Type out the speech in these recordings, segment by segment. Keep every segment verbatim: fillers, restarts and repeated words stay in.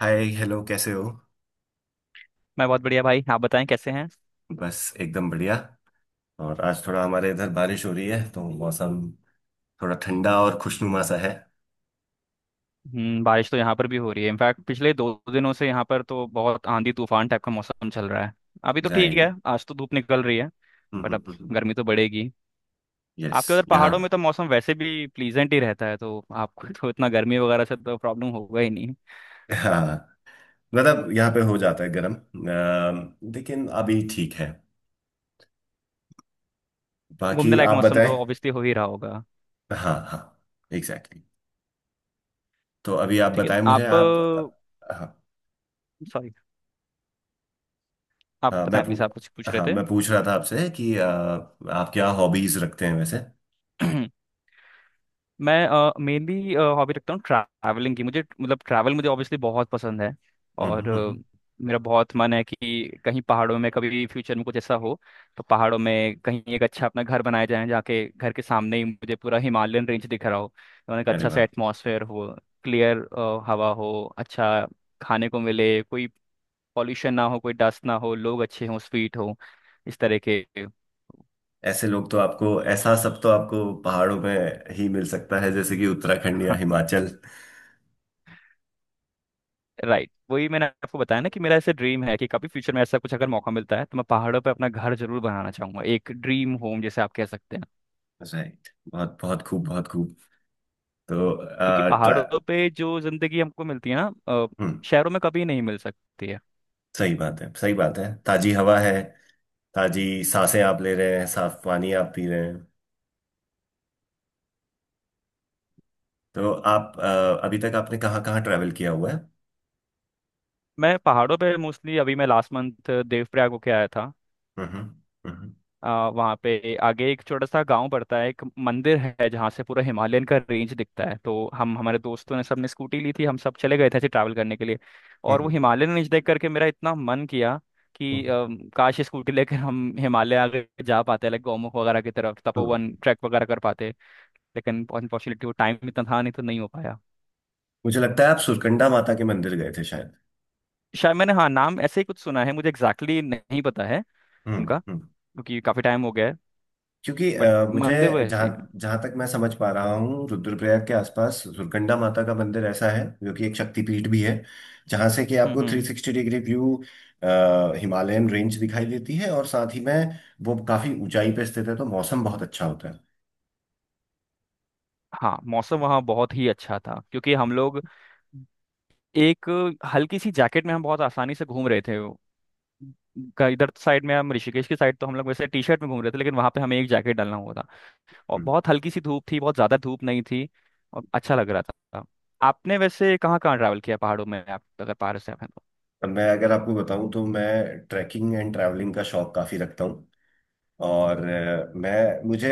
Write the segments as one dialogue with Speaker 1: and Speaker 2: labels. Speaker 1: हाय hello, कैसे हो?
Speaker 2: मैं बहुत बढ़िया भाई। आप बताएं कैसे हैं।
Speaker 1: बस एकदम बढ़िया। और आज थोड़ा हमारे इधर बारिश हो रही है तो मौसम थोड़ा ठंडा और खुशनुमा सा है।
Speaker 2: हम्म बारिश तो यहाँ पर भी हो रही है। इनफैक्ट पिछले दो दिनों से यहाँ पर तो बहुत आंधी तूफान टाइप का मौसम चल रहा है। अभी तो ठीक है,
Speaker 1: राइट।
Speaker 2: आज तो धूप निकल रही है। बट अब गर्मी तो बढ़ेगी।
Speaker 1: यस।
Speaker 2: आपके उधर
Speaker 1: यहाँ
Speaker 2: पहाड़ों में तो मौसम वैसे भी प्लीजेंट ही रहता है, तो आपको तो इतना गर्मी वगैरह से तो प्रॉब्लम होगा ही नहीं।
Speaker 1: हाँ। मतलब यहाँ पे हो जाता है गर्म, अम, लेकिन अभी ठीक है।
Speaker 2: घूमने
Speaker 1: बाकी
Speaker 2: लायक
Speaker 1: आप
Speaker 2: मौसम
Speaker 1: बताएं।
Speaker 2: तो ऑब्वियसली हो ही रहा होगा।
Speaker 1: हाँ हाँ, एग्जैक्टली exactly। तो अभी आप
Speaker 2: ठीक है
Speaker 1: बताएं मुझे
Speaker 2: आप।
Speaker 1: आप अ, हाँ।
Speaker 2: सॉरी, आप
Speaker 1: हाँ मैं
Speaker 2: बताएं
Speaker 1: पू,
Speaker 2: प्लीज। आप कुछ पूछ
Speaker 1: हाँ
Speaker 2: रहे
Speaker 1: मैं पूछ रहा था आपसे कि अ, आप क्या हॉबीज रखते हैं वैसे?
Speaker 2: थे। मैं मेनली हॉबी रखता हूँ ट्रैवलिंग की। मुझे मतलब ट्रैवल मुझे ऑब्वियसली बहुत पसंद है।
Speaker 1: हम्म
Speaker 2: और
Speaker 1: हम्म, हम्म,
Speaker 2: अ,
Speaker 1: हम्म।
Speaker 2: मेरा बहुत मन है कि कहीं पहाड़ों में कभी फ्यूचर में कुछ ऐसा हो तो पहाड़ों में कहीं एक अच्छा अपना घर बनाया जाए, जहाँ के घर के सामने ही मुझे पूरा हिमालयन रेंज दिख रहा हो। तो एक
Speaker 1: अरे
Speaker 2: अच्छा सा
Speaker 1: वाह।
Speaker 2: एटमॉस्फेयर हो, क्लियर हवा हो, अच्छा खाने को मिले, कोई पॉल्यूशन ना हो, कोई डस्ट ना हो, लोग अच्छे हों, स्वीट हो, इस तरह के।
Speaker 1: ऐसे लोग तो आपको, ऐसा सब तो आपको पहाड़ों में ही मिल सकता है, जैसे कि उत्तराखंड या हिमाचल।
Speaker 2: राइट, वही मैंने आपको बताया ना कि मेरा ऐसे ड्रीम है कि कभी फ्यूचर में ऐसा कुछ अगर मौका मिलता है तो मैं पहाड़ों पे अपना घर जरूर बनाना चाहूंगा। एक ड्रीम होम जैसे आप कह सकते हैं।
Speaker 1: राइट, बहुत बहुत खूब, बहुत खूब। तो
Speaker 2: क्योंकि
Speaker 1: आ, ट्रा
Speaker 2: पहाड़ों पे जो जिंदगी हमको मिलती है ना अ,
Speaker 1: हम्म।
Speaker 2: शहरों में कभी नहीं मिल सकती है।
Speaker 1: सही बात है, सही बात है। ताजी हवा है, ताजी सांसें आप ले रहे हैं, साफ पानी आप पी रहे हैं। तो आप आ, अभी तक आपने कहाँ कहाँ ट्रैवल किया हुआ है?
Speaker 2: मैं पहाड़ों पे मोस्टली, अभी मैं लास्ट मंथ देवप्रयाग होके आया था।
Speaker 1: हम्म हम्म। हम्म
Speaker 2: आ, वहाँ पे आगे एक छोटा सा गांव पड़ता है, एक मंदिर है जहाँ से पूरा हिमालयन का रेंज दिखता है। तो हम हमारे दोस्तों ने सबने स्कूटी ली थी, हम सब चले गए थे ऐसे ट्रैवल करने के लिए। और वो
Speaker 1: हम्म,
Speaker 2: हिमालयन रेंज देख करके मेरा इतना मन किया कि
Speaker 1: हम्म,
Speaker 2: अम, काश ये स्कूटी लेकर हम हिमालय आगे जा पाते, लाइक गौमुख वगैरह की तरफ,
Speaker 1: हम्म।
Speaker 2: तपोवन ट्रैक वगैरह कर पाते। लेकिन अनफॉर्चुनेटली वो टाइम इतना था नहीं तो नहीं हो पाया।
Speaker 1: मुझे लगता है आप सुरकंडा माता के मंदिर गए थे शायद।
Speaker 2: शायद, मैंने हाँ नाम ऐसे ही कुछ सुना है, मुझे एग्जैक्टली exactly नहीं पता है
Speaker 1: हम्म
Speaker 2: उनका,
Speaker 1: हम्म।
Speaker 2: क्योंकि काफी टाइम हो गया है।
Speaker 1: क्योंकि
Speaker 2: बट
Speaker 1: अ, मुझे
Speaker 2: मंदिर वो
Speaker 1: जहाँ
Speaker 2: ऐसे ही हैं।
Speaker 1: जहाँ तक मैं समझ पा रहा हूँ, रुद्रप्रयाग के आसपास दुर्गंडा माता का मंदिर ऐसा है जो कि एक शक्तिपीठ भी है, जहाँ से कि
Speaker 2: हम्म।
Speaker 1: आपको
Speaker 2: हम्म।
Speaker 1: तीन सौ साठ डिग्री व्यू हिमालयन रेंज दिखाई देती है, और साथ ही में वो काफी ऊंचाई पे स्थित है तो मौसम बहुत अच्छा होता है।
Speaker 2: हाँ, मौसम वहाँ बहुत ही अच्छा था, क्योंकि हम लोग एक हल्की सी जैकेट में हम बहुत आसानी से घूम रहे थे। का- इधर साइड में हम ऋषिकेश की साइड तो हम लोग वैसे टी शर्ट में घूम रहे थे, लेकिन वहां पे हमें एक जैकेट डालना हुआ था। और
Speaker 1: हम्म।
Speaker 2: बहुत हल्की सी धूप थी, बहुत ज्यादा धूप नहीं थी। और अच्छा लग रहा था। आपने वैसे कहाँ कहाँ ट्रैवल किया पहाड़ों में, आप अगर पहाड़ से आप हैं तो?
Speaker 1: अब मैं अगर आपको बताऊं तो मैं ट्रैकिंग एंड ट्रैवलिंग का शौक काफी रखता हूँ। और अ, मैं मुझे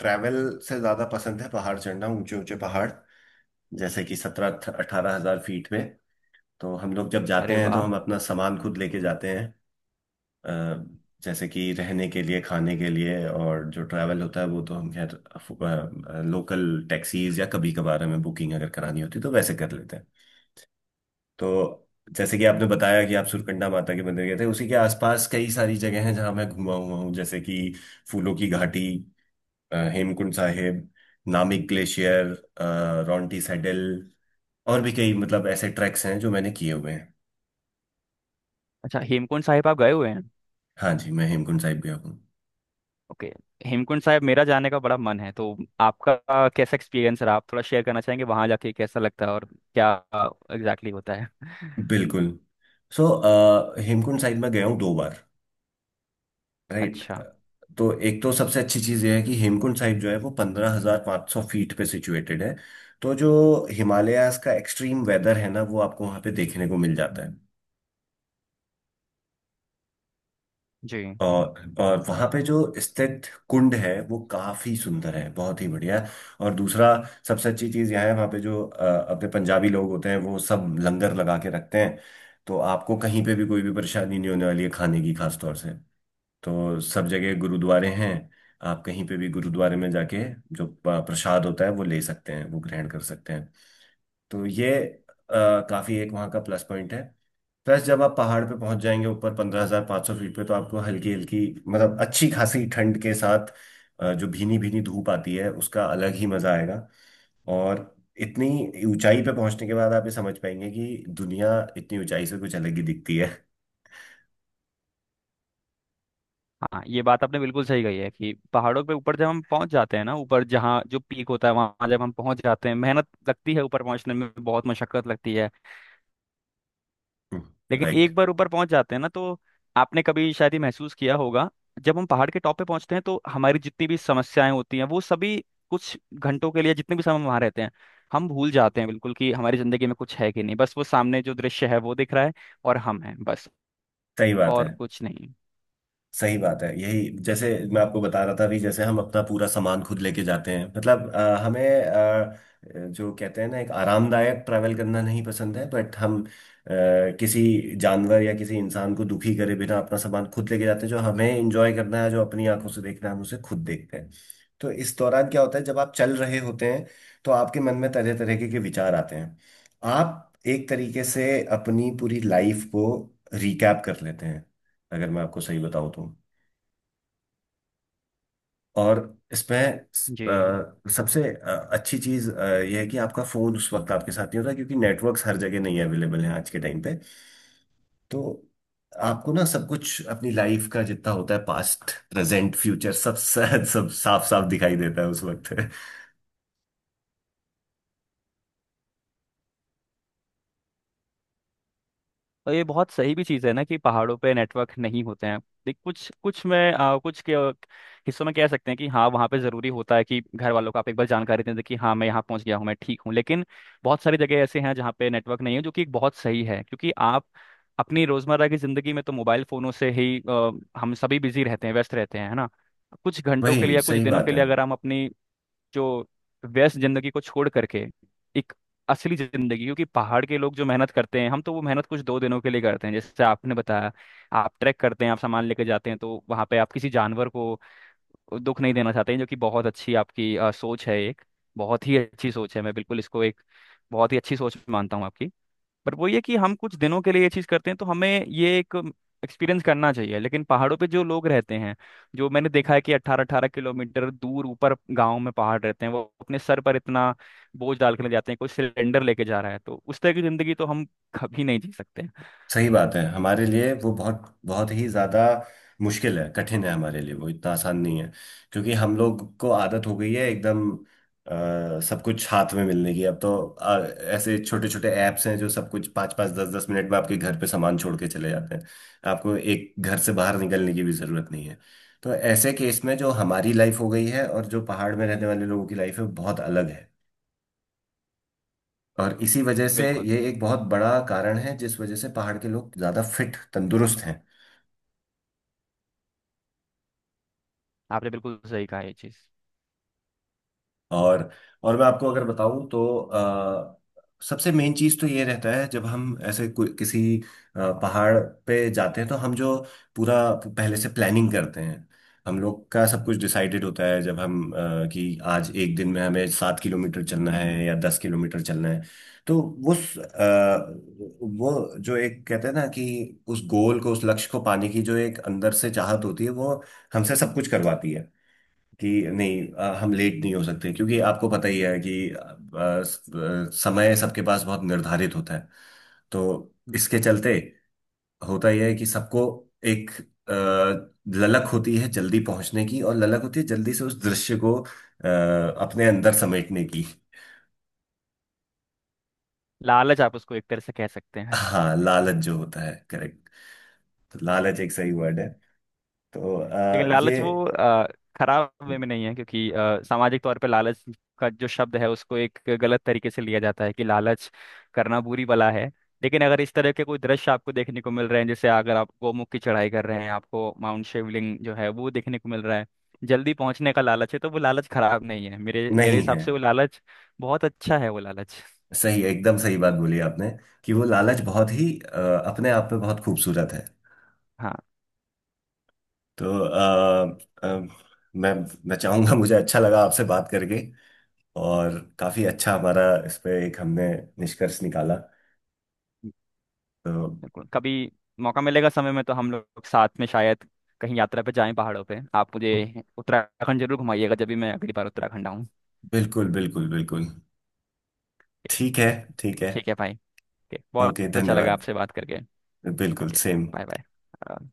Speaker 1: ट्रैवल से ज्यादा पसंद है पहाड़ चढ़ना, ऊंचे ऊंचे पहाड़, जैसे कि सत्रह अठारह हजार फीट में। तो हम लोग जब जाते
Speaker 2: अरे
Speaker 1: हैं तो
Speaker 2: वाह,
Speaker 1: हम अपना सामान खुद लेके जाते हैं, अ, जैसे कि रहने के लिए, खाने के लिए। और जो ट्रैवल होता है वो तो हम खैर अफ- अ, लोकल टैक्सीज या कभी कभार हमें बुकिंग अगर करानी होती है तो वैसे कर लेते हैं। तो जैसे कि आपने बताया कि आप सुरकंडा माता के मंदिर गए थे, उसी के आसपास कई सारी जगह हैं जहां मैं घूमा हुआ हूँ, जैसे कि फूलों की घाटी, अ, हेमकुंड साहिब, नामिक ग्लेशियर, अ, रॉन्टी सैडल, और भी कई, मतलब ऐसे ट्रैक्स हैं जो मैंने किए हुए हैं।
Speaker 2: अच्छा, हेमकुंड साहिब आप गए हुए हैं?
Speaker 1: हाँ जी, मैं हेमकुंड साहिब गया हूँ।
Speaker 2: ओके। हेमकुंड साहिब मेरा जाने का बड़ा मन है, तो आपका आ, कैसा एक्सपीरियंस रहा? आप थोड़ा शेयर करना चाहेंगे वहां जाके कैसा लगता है और क्या एग्जैक्टली exactly होता है।
Speaker 1: बिल्कुल। सो अ, हेमकुंड साहिब में गया हूँ दो बार। राइट।
Speaker 2: अच्छा।
Speaker 1: तो एक तो सबसे अच्छी चीज़ यह है कि हेमकुंड साहिब जो है वो पंद्रह हजार पाँच सौ फीट पे सिचुएटेड है। तो जो हिमालयाज का एक्सट्रीम वेदर है ना, वो आपको वहाँ पे देखने को मिल जाता है।
Speaker 2: जी।
Speaker 1: और और वहाँ पे जो स्थित कुंड है वो काफी सुंदर है, बहुत ही बढ़िया है। और दूसरा सबसे अच्छी चीज़ यह है, वहाँ पे जो अ, अपने पंजाबी लोग होते हैं वो सब लंगर लगा के रखते हैं। तो आपको कहीं पे भी कोई भी परेशानी नहीं होने वाली है खाने की, खास तौर से। तो सब जगह गुरुद्वारे हैं। आप कहीं पे भी गुरुद्वारे में जाके जो प- प्रसाद होता है वो ले सकते हैं, वो ग्रहण कर सकते हैं। तो ये अ, काफी एक वहाँ का प्लस पॉइंट है। प्लस जब आप पहाड़ पे पहुंच जाएंगे ऊपर पंद्रह हजार पाँच सौ फीट पे, तो आपको हल्की हल्की, मतलब अच्छी खासी ठंड के साथ अ, जो भीनी भीनी धूप आती है, उसका अलग ही मजा आएगा। और इतनी ऊंचाई पे पहुंचने के बाद आप ये समझ पाएंगे कि दुनिया इतनी ऊंचाई से कुछ अलग ही दिखती है।
Speaker 2: हाँ, ये बात आपने बिल्कुल सही कही है कि पहाड़ों पे ऊपर जब हम पहुंच जाते हैं ना, ऊपर जहाँ जो पीक होता है वहां जब हम पहुंच जाते हैं, मेहनत लगती है ऊपर पहुंचने में, बहुत मशक्कत लगती है, लेकिन
Speaker 1: राइट।
Speaker 2: एक बार ऊपर पहुंच जाते हैं ना तो आपने कभी शायद ये महसूस किया होगा, जब हम पहाड़ के टॉप पे पहुंचते हैं तो हमारी जितनी भी समस्याएं होती हैं वो सभी कुछ घंटों के लिए, जितने भी समय हम वहां रहते हैं, हम भूल जाते हैं बिल्कुल कि हमारी जिंदगी में कुछ है कि नहीं, बस वो सामने जो दृश्य है वो दिख रहा है और हम हैं बस,
Speaker 1: सही बात है,
Speaker 2: और कुछ नहीं।
Speaker 1: सही बात है। यही जैसे मैं आपको बता रहा था अभी, जैसे हम अपना पूरा सामान खुद लेके जाते हैं, मतलब अ, हमें अ, जो कहते हैं ना, एक आरामदायक ट्रैवल करना नहीं पसंद है, बट हम अ, किसी जानवर या किसी इंसान को दुखी करे बिना अपना सामान खुद लेके जाते हैं। जो हमें एंजॉय करना है, जो अपनी आंखों से देखना है, हम उसे खुद देखते हैं। तो इस दौरान क्या होता है, जब आप चल रहे होते हैं तो आपके मन में तरह तरह के के विचार आते हैं। आप एक तरीके से अपनी पूरी लाइफ को रिकैप कर लेते हैं, अगर मैं आपको सही बताऊं तो। और इसमें
Speaker 2: जी।
Speaker 1: अ, सबसे अ, अच्छी चीज अ, यह है कि आपका फोन उस वक्त आपके साथ नहीं होता, क्योंकि नेटवर्क्स हर जगह नहीं अवेलेबल हैं आज के टाइम पे। तो आपको ना सब कुछ अपनी लाइफ का जितना होता है, पास्ट प्रेजेंट फ्यूचर, सब सब साफ साफ दिखाई देता है उस वक्त।
Speaker 2: और ये बहुत सही भी चीज़ है ना कि पहाड़ों पे नेटवर्क नहीं होते हैं। देख कुछ कुछ में आ, कुछ के हिस्सों में कह सकते हैं कि हाँ वहाँ पे ज़रूरी होता है कि घर वालों को आप एक बार जानकारी दें दें कि हाँ मैं यहाँ पहुँच गया हूँ, मैं ठीक हूँ, लेकिन बहुत सारी जगह ऐसे हैं जहाँ पे नेटवर्क नहीं है, जो कि एक बहुत सही है, क्योंकि आप अपनी रोज़मर्रा की ज़िंदगी में तो मोबाइल फ़ोनों से ही अ, हम सभी बिजी रहते हैं, व्यस्त रहते हैं, है ना? कुछ घंटों के लिए
Speaker 1: वही
Speaker 2: या कुछ
Speaker 1: सही
Speaker 2: दिनों
Speaker 1: बात
Speaker 2: के
Speaker 1: है,
Speaker 2: लिए अगर हम अपनी जो व्यस्त जिंदगी को छोड़ करके एक असली जिंदगी, क्योंकि पहाड़ के लोग जो मेहनत करते हैं हम तो वो मेहनत कुछ दो दिनों के लिए करते हैं जैसे आपने बताया, आप ट्रैक करते हैं, आप सामान लेके जाते हैं तो वहां पे आप किसी जानवर को दुख नहीं देना चाहते हैं, जो कि बहुत अच्छी आपकी अ, सोच है, एक बहुत ही अच्छी सोच है, मैं बिल्कुल इसको एक बहुत ही अच्छी सोच मानता हूँ आपकी। बट वो ये कि हम कुछ दिनों के लिए ये चीज़ करते हैं तो हमें ये एक एक्सपीरियंस करना चाहिए, लेकिन पहाड़ों पे जो लोग रहते हैं, जो मैंने देखा है कि अट्ठारह अट्ठारह किलोमीटर दूर ऊपर गाँव में पहाड़ रहते हैं, वो अपने सर पर इतना बोझ डाल के ले जाते हैं, कोई सिलेंडर लेके जा रहा है, तो उस तरह की जिंदगी तो हम कभी नहीं जी सकते।
Speaker 1: सही बात है। हमारे लिए वो बहुत बहुत ही ज़्यादा मुश्किल है, कठिन है, हमारे लिए वो इतना आसान नहीं है। क्योंकि हम लोग को आदत हो गई है एकदम अ, सब कुछ हाथ में मिलने की। अब तो अ, ऐसे छोटे छोटे ऐप्स हैं जो सब कुछ पाँच पाँच दस दस मिनट में आपके घर पे सामान छोड़ के चले जाते हैं। आपको एक घर से बाहर निकलने की भी ज़रूरत नहीं है। तो ऐसे केस में जो हमारी लाइफ हो गई है और जो पहाड़ में रहने वाले लोगों की लाइफ है, वो बहुत अलग है। और इसी वजह से
Speaker 2: बिल्कुल।
Speaker 1: ये एक बहुत बड़ा कारण है, जिस वजह से पहाड़ के लोग ज़्यादा फिट तंदुरुस्त हैं।
Speaker 2: आपने बिल्कुल सही कहा ये चीज़।
Speaker 1: और और मैं आपको अगर बताऊं तो अ, सबसे मेन चीज तो ये रहता है जब हम ऐसे कोई- किसी अ, पहाड़ पे जाते हैं, तो हम जो पूरा पहले से प्लानिंग करते हैं। हम लोग का सब कुछ डिसाइडेड होता है, जब हम अ, कि आज एक दिन में हमें सात किलोमीटर चलना है या दस किलोमीटर चलना है। तो उस अ, वो जो एक कहते हैं ना, कि उस गोल को, उस लक्ष्य को पाने की जो एक अंदर से चाहत होती है, वो हमसे सब कुछ करवाती है। कि नहीं, अ, हम लेट नहीं हो सकते क्योंकि आपको पता ही है कि अ, अ, समय सबके पास बहुत निर्धारित होता है। तो इसके चलते होता यह है कि सबको एक अ, ललक होती है जल्दी पहुंचने की, और ललक होती है जल्दी से उस दृश्य को अ, अपने अंदर समेटने की।
Speaker 2: लालच आप उसको एक तरह से कह सकते हैं।
Speaker 1: हाँ, लालच जो होता है, करेक्ट। तो लालच एक सही वर्ड है। तो अ,
Speaker 2: लेकिन
Speaker 1: ये
Speaker 2: लालच वो अ, खराब वे में नहीं है, क्योंकि अ, सामाजिक तौर पे लालच का जो शब्द है उसको एक गलत तरीके से लिया जाता है कि लालच करना बुरी बला है। लेकिन अगर इस तरह के कोई दृश्य आपको देखने को मिल रहे हैं, जैसे अगर आप गोमुख की चढ़ाई कर रहे हैं, आपको माउंट शिवलिंग जो है वो देखने को मिल रहा है, जल्दी पहुंचने का लालच है तो वो लालच खराब नहीं है। मेरे मेरे
Speaker 1: नहीं
Speaker 2: हिसाब
Speaker 1: है।
Speaker 2: से वो लालच बहुत अच्छा है वो लालच।
Speaker 1: सही, एकदम सही बात बोली आपने, कि वो लालच बहुत ही अ, अपने आप में बहुत खूबसूरत है।
Speaker 2: हाँ,
Speaker 1: तो अ, अ, मैं मैं चाहूंगा, मुझे अच्छा लगा आपसे बात करके। और काफी अच्छा हमारा इस पे एक, हमने निष्कर्ष निकाला। तो
Speaker 2: बिल्कुल, कभी मौका मिलेगा समय में तो हम लोग साथ में शायद कहीं यात्रा पे जाएं पहाड़ों पे। आप मुझे उत्तराखंड जरूर घुमाइएगा जब भी मैं अगली बार उत्तराखंड आऊँ।
Speaker 1: बिल्कुल बिल्कुल बिल्कुल। ठीक है। ठीक है।
Speaker 2: ठीक है भाई। ओके, बहुत
Speaker 1: ओके,
Speaker 2: अच्छा लगा
Speaker 1: धन्यवाद।
Speaker 2: आपसे बात करके।
Speaker 1: बिल्कुल
Speaker 2: ओके,
Speaker 1: सेम।
Speaker 2: Bye bye.